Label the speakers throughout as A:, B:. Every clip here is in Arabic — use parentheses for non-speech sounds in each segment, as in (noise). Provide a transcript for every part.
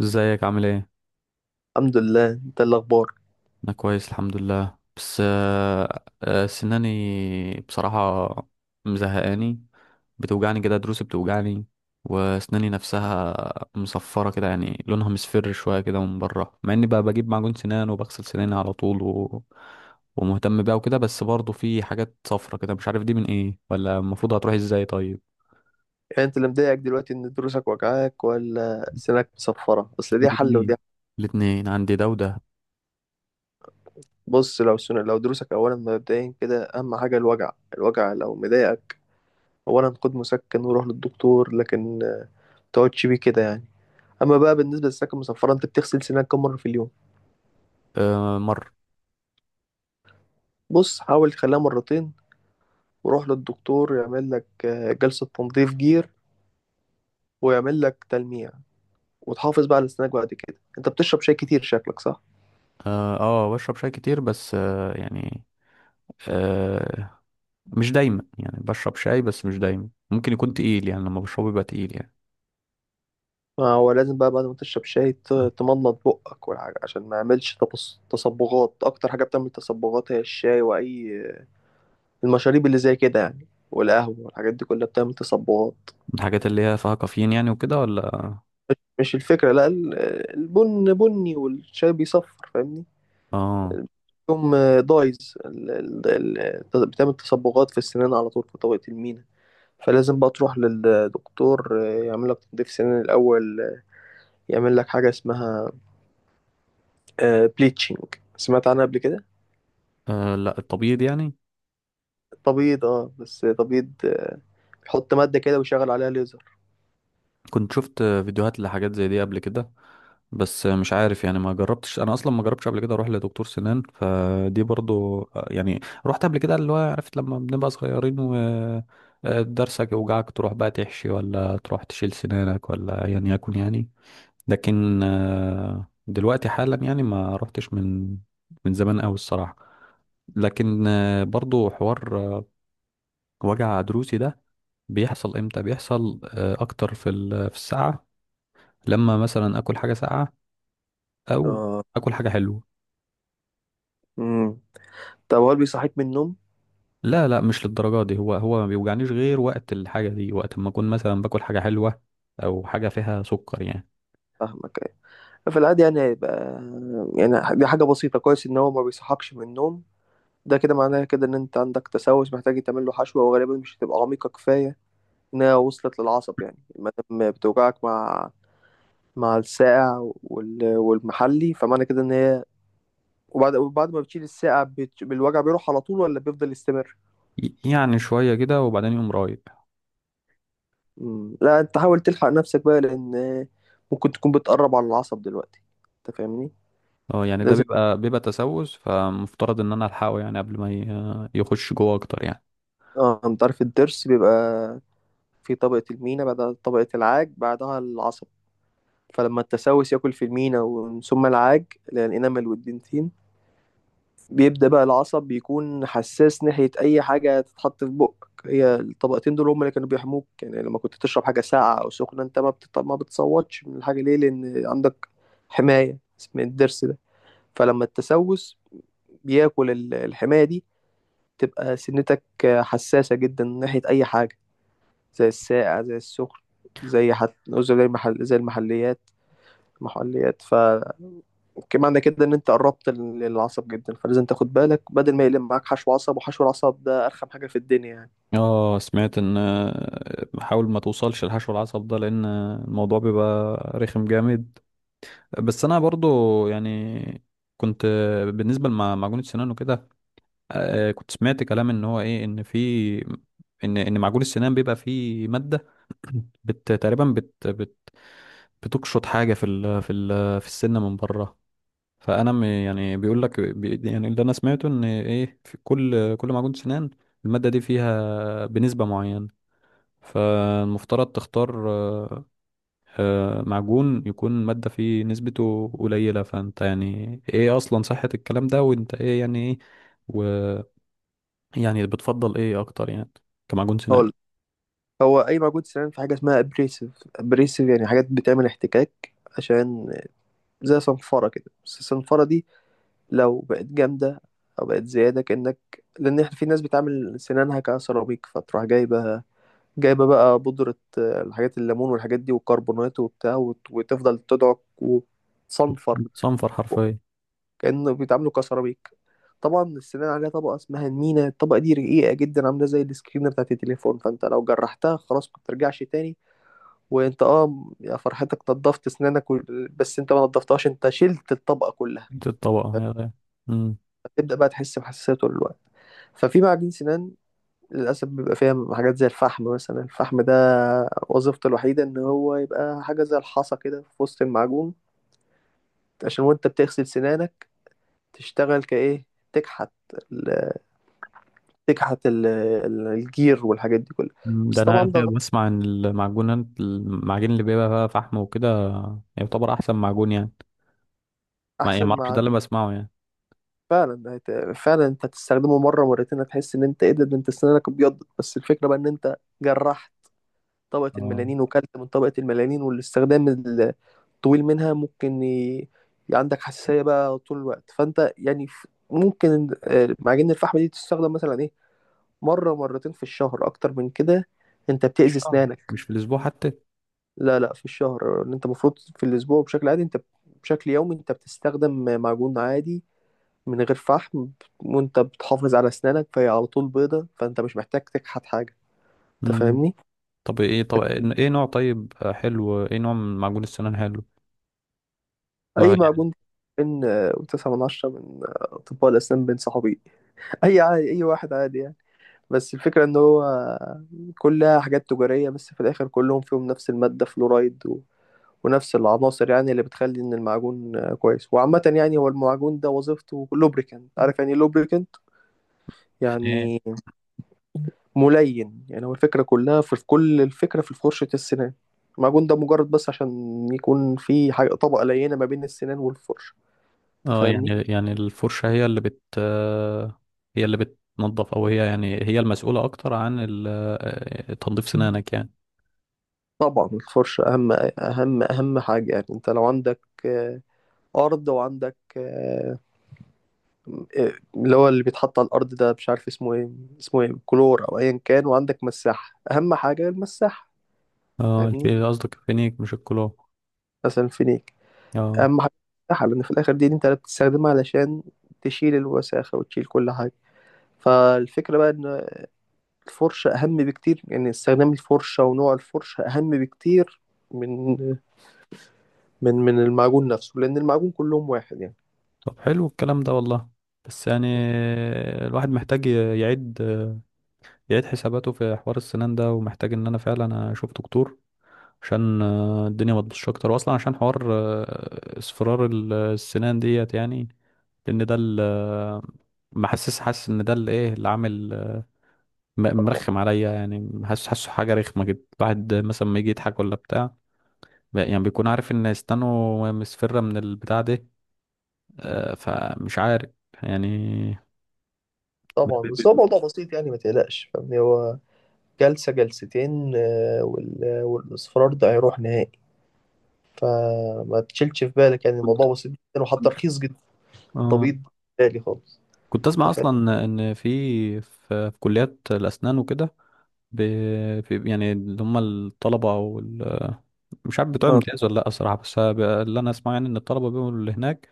A: ازيك، عامل ايه؟
B: الحمد لله. انت اللي اخبار؟
A: انا كويس الحمد لله، بس سناني بصراحة مزهقاني. بتوجعني كده، دروسي بتوجعني، واسناني نفسها مصفرة كده. يعني لونها مصفر شوية كده من بره، مع اني بقى بجيب معجون سنان وبغسل سناني على طول ومهتم بيها وكده، بس برضه في حاجات صفرة كده، مش عارف دي من ايه ولا المفروض هتروح ازاي. طيب،
B: يعني انت اللي مضايقك دلوقتي ان دروسك وجعاك ولا سنك مصفرة؟ بس دي حل ودي
A: الاتنين
B: حل.
A: الاتنين عندي ده وده.
B: بص، لو سن... لو دروسك، اولا مبدئيا كده اهم حاجة الوجع. الوجع لو مضايقك، اولا خد مسكن وروح للدكتور، لكن تقعدش بيه كده يعني. اما بقى بالنسبة للسكن المصفرة، انت بتغسل سنانك كم مرة في اليوم؟
A: آه، مر.
B: بص، حاول تخليها مرتين، وروح للدكتور يعمل لك جلسة تنظيف جير، ويعمل لك تلميع، وتحافظ بقى على سنانك. بعد كده انت بتشرب شاي كتير شكلك، صح؟
A: اه، آه، بشرب شاي كتير. بس يعني، آه مش دايما. يعني بشرب شاي بس مش دايما، ممكن يكون تقيل، يعني لما بشربه يبقى تقيل يعني.
B: ما هو لازم بقى بعد ما تشرب شاي تمضمض بقك والحاجة، عشان ما يعملش تصبغات. أكتر حاجة بتعمل تصبغات هي الشاي، وأي المشاريب اللي زي كده يعني، والقهوة والحاجات دي كلها بتعمل تصبغات.
A: الحاجات اللي هي فيها كافيين يعني وكده، ولا؟
B: مش الفكرة، لا، البن بني والشاي بيصفر، فاهمني؟
A: آه.
B: يوم دايز بتعمل تصبغات في السنان على طول، في طبقة المينا. فلازم بقى تروح للدكتور يعمل لك تنظيف سنان الأول، يعمل لك حاجة اسمها بليتشنج. سمعت عنها قبل كده؟
A: اه، لا، التبييض يعني.
B: تبيض، اه، بس تبيض، بيحط مادة كده ويشغل عليها ليزر.
A: كنت شفت فيديوهات لحاجات زي دي قبل كده، بس مش عارف يعني، ما جربتش انا اصلا، ما جربتش قبل كده اروح لدكتور سنان، فدي برضو يعني. رحت قبل كده، اللي هو عرفت لما بنبقى صغيرين و درسك يوجعك تروح بقى تحشي ولا تروح تشيل سنانك ولا ايا يكن يعني. لكن دلوقتي حالا يعني ما رحتش من زمان قوي الصراحة. لكن برضو حوار وجع ضروسي ده، بيحصل امتى؟ بيحصل اكتر في في الساعة لما مثلا اكل حاجة ساقعة، او
B: اه.
A: اكل حاجة حلوة.
B: امم طب هو اللي بيصحيك من النوم؟
A: لا لا، مش للدرجة دي. هو هو ما بيوجعنيش غير وقت الحاجة دي، وقت ما اكون مثلا باكل حاجة حلوة او حاجة فيها سكر يعني.
B: فاهمك، أيوة. في العادي يعني هيبقى، يعني دي حاجة بسيطة. كويس ان هو ما بيصحكش من النوم. ده كده معناها كده ان انت عندك تسوس محتاج تعمل له حشوة، وغالبا مش هتبقى عميقة كفاية انها وصلت للعصب. يعني ما دام بتوجعك مع الساقع والمحلي، فمعنى كده ان هي، وبعد ما بتشيل الساقع الوجع بيروح على طول ولا بيفضل يستمر؟
A: يعني شوية كده وبعدين يقوم رايق.
B: مم. لا، انت حاول تلحق نفسك بقى، لان ممكن تكون بتقرب على العصب دلوقتي. انت فاهمني؟
A: اه يعني ده
B: لازم.
A: بيبقى تسوس، فمفترض ان انا الحقه يعني قبل ما يخش جوه اكتر يعني.
B: اه، انت عارف الضرس بيبقى في طبقة المينا، بعدها طبقة العاج، بعدها العصب. فلما التسوس ياكل في المينا ومن ثم العاج اللي هي الانامل والدنتين، بيبدأ بقى العصب بيكون حساس ناحية أي حاجة تتحط في بقك. هي الطبقتين دول هم اللي كانوا بيحموك. يعني لما كنت تشرب حاجة ساقعة أو سخنة، أنت ما بتصوتش من الحاجة. ليه؟ لأن عندك حماية اسمها الضرس ده. فلما التسوس بياكل الحماية دي، تبقى سنتك حساسة جدا ناحية أي حاجة، زي الساقع، زي السخن، زي المحليات. محليات، ف، كمان عندك كده ان انت قربت للعصب جدا. فلازم تاخد بالك بدل ما يلم معاك حشو عصب، وحشو العصب ده ارخم حاجه في الدنيا يعني.
A: اه سمعت ان حاول ما توصلش الحشو العصب ده، لان الموضوع بيبقى رخم جامد. بس انا برضو يعني كنت بالنسبه لمعجون السنان وكده، كنت سمعت كلام ان هو ايه، ان في ان ان معجون السنان بيبقى فيه ماده (clears throat) تقريبا بت بت بتقشط حاجه في ال في ال في السن من بره. فانا يعني بيقول لك، يعني اللي انا سمعته ان ايه، في كل معجون سنان الماده دي فيها بنسبه معينه، فالمفترض تختار معجون يكون ماده فيه نسبته قليله. فانت يعني ايه اصلا صحه الكلام ده؟ وانت ايه يعني، ايه ويعني بتفضل ايه اكتر يعني كمعجون سنان؟
B: هقول، هو اي موجود سنان في حاجه اسمها ابريسيف. ابريسيف يعني حاجات بتعمل احتكاك، عشان زي صنفره كده. بس الصنفره دي لو بقت جامدة أو بقت زيادة، كأنك... لأن إحنا في ناس بتعمل سنانها كسيراميك، فتروح جايبة، جايبة بقى بودرة، الحاجات الليمون والحاجات دي والكربونات وبتاع، وتفضل تدعك وتصنفر
A: بتصنفر حرفيا.
B: كأنه بيتعاملوا كسيراميك. طبعا السنان عليها طبقة اسمها المينا. الطبقة دي رقيقة جدا، عاملة زي السكرين بتاعت التليفون، فأنت لو جرحتها خلاص ما ترجعش تاني. وأنت يا فرحتك نضفت سنانك بس أنت ما نضفتهاش، أنت شلت الطبقة كلها.
A: دي الطبقه هي.
B: تبدأ بقى تحس بحساسية طول الوقت. ففي معجون سنان للأسف بيبقى فيها حاجات زي الفحم مثلا. الفحم ده وظيفته الوحيدة إن هو يبقى حاجة زي الحصى كده في وسط المعجون، عشان وأنت بتغسل سنانك تشتغل كإيه؟ تكحت ال- الجير والحاجات دي كلها.
A: مم، ده
B: بس طبعا
A: انا
B: ده غلط.
A: بسمع عن المعجونات، اللي بيبقى فيها فحم وكده، يعتبر احسن معجون يعني. ما يعني،
B: أحسن
A: ما اعرفش،
B: مع...
A: ده اللي بسمعه يعني.
B: فعلا فعلا أنت هتستخدمه مرة مرتين، هتحس إن أنت إيه، ده أنت سنانك ابيضت. بس الفكرة بقى إن أنت جرحت طبقة
A: آه،
B: الميلانين وكلت من طبقة الميلانين. والاستخدام طويل منها ممكن عندك حساسية بقى طول الوقت. فأنت يعني ممكن معجون الفحم دي تستخدم مثلا إيه، مرة مرتين في الشهر. أكتر من كده أنت بتأذي
A: مش شهر،
B: أسنانك.
A: مش في الاسبوع حتى.
B: لا لا، في الشهر. إن أنت المفروض في الأسبوع بشكل عادي أنت، بشكل يومي أنت بتستخدم معجون عادي من غير فحم. وأنت بتحافظ على أسنانك فهي على طول بيضة، فأنت مش محتاج تكحت حاجة. أنت
A: مم.
B: فاهمني؟
A: طب ايه، طب ايه نوع طيب حلو، ايه نوع من معجون السنان حلو؟
B: أي
A: ما يعني،
B: معجون. بين 9 من 10 من أطباء الأسنان بين صحابي (laughs) أي عادي، أي واحد عادي يعني. بس الفكرة ان هو كلها حاجات تجارية، بس في الاخر كلهم فيهم نفس المادة، فلورايد و... ونفس العناصر يعني اللي بتخلي ان المعجون كويس. وعامة يعني هو المعجون ده وظيفته لوبريكانت. عارف يعني لوبريكانت
A: يعني ايه؟
B: يعني؟ ملين يعني. هو الفكرة كلها في كل الفكرة في فرشة السنان. المعجون ده مجرد بس عشان يكون في حاجة طبقة لينة ما بين السنان والفرشة. انت
A: اه يعني،
B: فاهمني؟
A: الفرشة هي اللي بت آه، هي اللي بتنظف، او هي يعني هي المسؤولة اكتر عن تنظيف سنانك يعني.
B: طبعا الفرشة أهم. أهم أهم حاجة. يعني أنت لو عندك آه، أرض، وعندك آه، إيه، اللي هو اللي بيتحط على الأرض ده، مش عارف اسمه ايه. اسمه ايه، كلور أو أيا كان؟ وعندك مساحة. أهم حاجة المساحة،
A: اه،
B: فاهمني؟
A: قصدك الفينيك مش الكلور.
B: مثلا الفينيك.
A: اه.
B: أهم حاجة المساحة، لأن في الآخر دي أنت اللي انت بتستخدمها علشان تشيل الوساخة وتشيل كل حاجة. فالفكرة بقى إن الفرشة أهم بكتير، يعني استخدام الفرشة ونوع الفرشة أهم بكتير من المعجون نفسه، لأن المعجون كلهم واحد يعني.
A: طب حلو الكلام ده والله. بس يعني الواحد محتاج يعيد، حساباته في حوار السنان ده، ومحتاج ان انا فعلا اشوف دكتور عشان الدنيا ما تبوظش اكتر، واصلا عشان حوار اصفرار السنان ديت يعني. لان ده حاسس ان ده اللي ايه، اللي عامل
B: طبعا،
A: مرخم عليا يعني، حاسه حاجه رخمه كده، الواحد مثلا ما يجي يضحك ولا بتاع، يعني بيكون عارف ان اسنانه مصفرة من البتاع ده، فمش عارف يعني.
B: طبعا، بس هو موضوع بسيط، يعني ما تقلقش، فاهمني. هو جلسة جلستين، والاصفرار ده هيروح نهائي. فما تشيلش في بالك، يعني
A: كنت
B: الموضوع بسيط جدا، وحتى رخيص جدا.
A: آه.
B: طبيب بالي خالص.
A: كنت
B: انت
A: اسمع
B: فاهم؟
A: اصلا ان في في كليات الاسنان وكده، في يعني اللي هم الطلبه او مش عارف بتوع الامتياز، ولا لا الصراحه، بس اللي انا اسمعه يعني ان الطلبه بيقولوا اللي هناك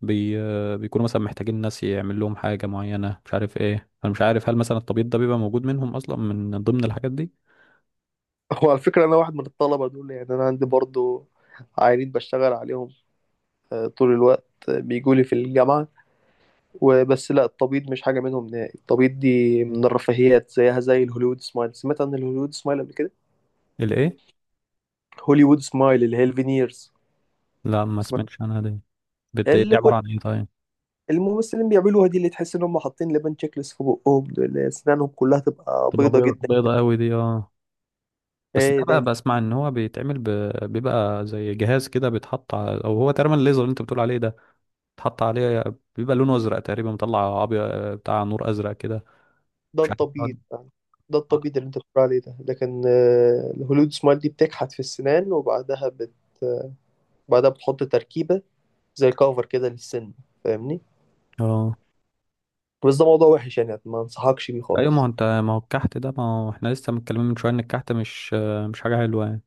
A: بي بيكونوا مثلا محتاجين ناس يعمل لهم حاجه معينه، مش عارف ايه، انا مش عارف هل مثلا الطبيب ده بيبقى موجود منهم اصلا من ضمن الحاجات دي.
B: هو على فكرة أنا واحد من الطلبة دول. يعني أنا عندي برضو عيانين بشتغل عليهم طول الوقت، بيجولي في الجامعة وبس. لا، التبيض مش حاجة منهم نهائي. التبيض دي من الرفاهيات، زيها زي الهوليوود سمايل. سمعت عن الهوليوود سمايل قبل كده؟
A: الايه؟
B: هوليوود سمايل اللي هي الفينيرز.
A: لا، ما
B: سمعت؟
A: سمعتش عنها دي. دي
B: اللي كل
A: عباره عن ايه طيب؟
B: الممثلين بيعملوها دي، اللي تحس إن هم حاطين لبن تشيكلس في بقهم، دول اللي أسنانهم كلها تبقى
A: تبقى
B: بيضة جدا.
A: بيضه قوي دي، اه. بس
B: ايه
A: ده
B: ده
A: بقى بسمع ان هو بيتعمل بيبقى زي جهاز كده بيتحط او هو تقريبا الليزر اللي انت بتقول عليه ده، بيتحط عليه، بيبقى لونه ازرق تقريبا، مطلع ابيض، بتاع نور ازرق كده.
B: ده
A: مش عارف
B: التبييض
A: بيقعد-.
B: يعني. ده التبييض اللي انت بتقول عليه ده. لكن الهولود سمايل دي بتكحت في السنان، وبعدها بعدها بتحط تركيبة زي كفر كده للسن، فاهمني.
A: اه،
B: بس ده موضوع وحش، يعني ما انصحكش بيه
A: ايوه،
B: خالص.
A: ما هو الكحت ده، ما هو احنا لسه متكلمين من شويه ان الكحت مش حاجه حلوه يعني.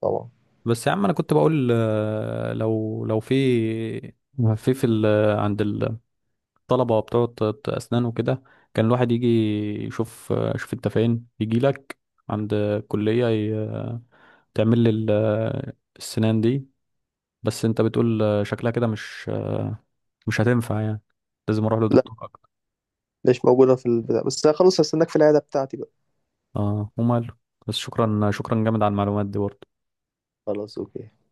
B: طبعا.
A: بس يا عم انا كنت بقول لو في في في ال... عند الطلبه بتوع اسنان وكده، كان الواحد يجي يشوف انت فين يجي لك عند الكليه، تعمل لي السنان دي. بس انت بتقول شكلها كده مش هتنفع يعني، لازم اروح
B: لا،
A: لدكتور اكتر.
B: مش موجودة في البتاع. بس خلاص هستناك في العيادة بتاعتي بقى.
A: اه وماله. بس شكرا شكرا جامد على المعلومات دي برضه.
B: خلاص، اوكي. يلا.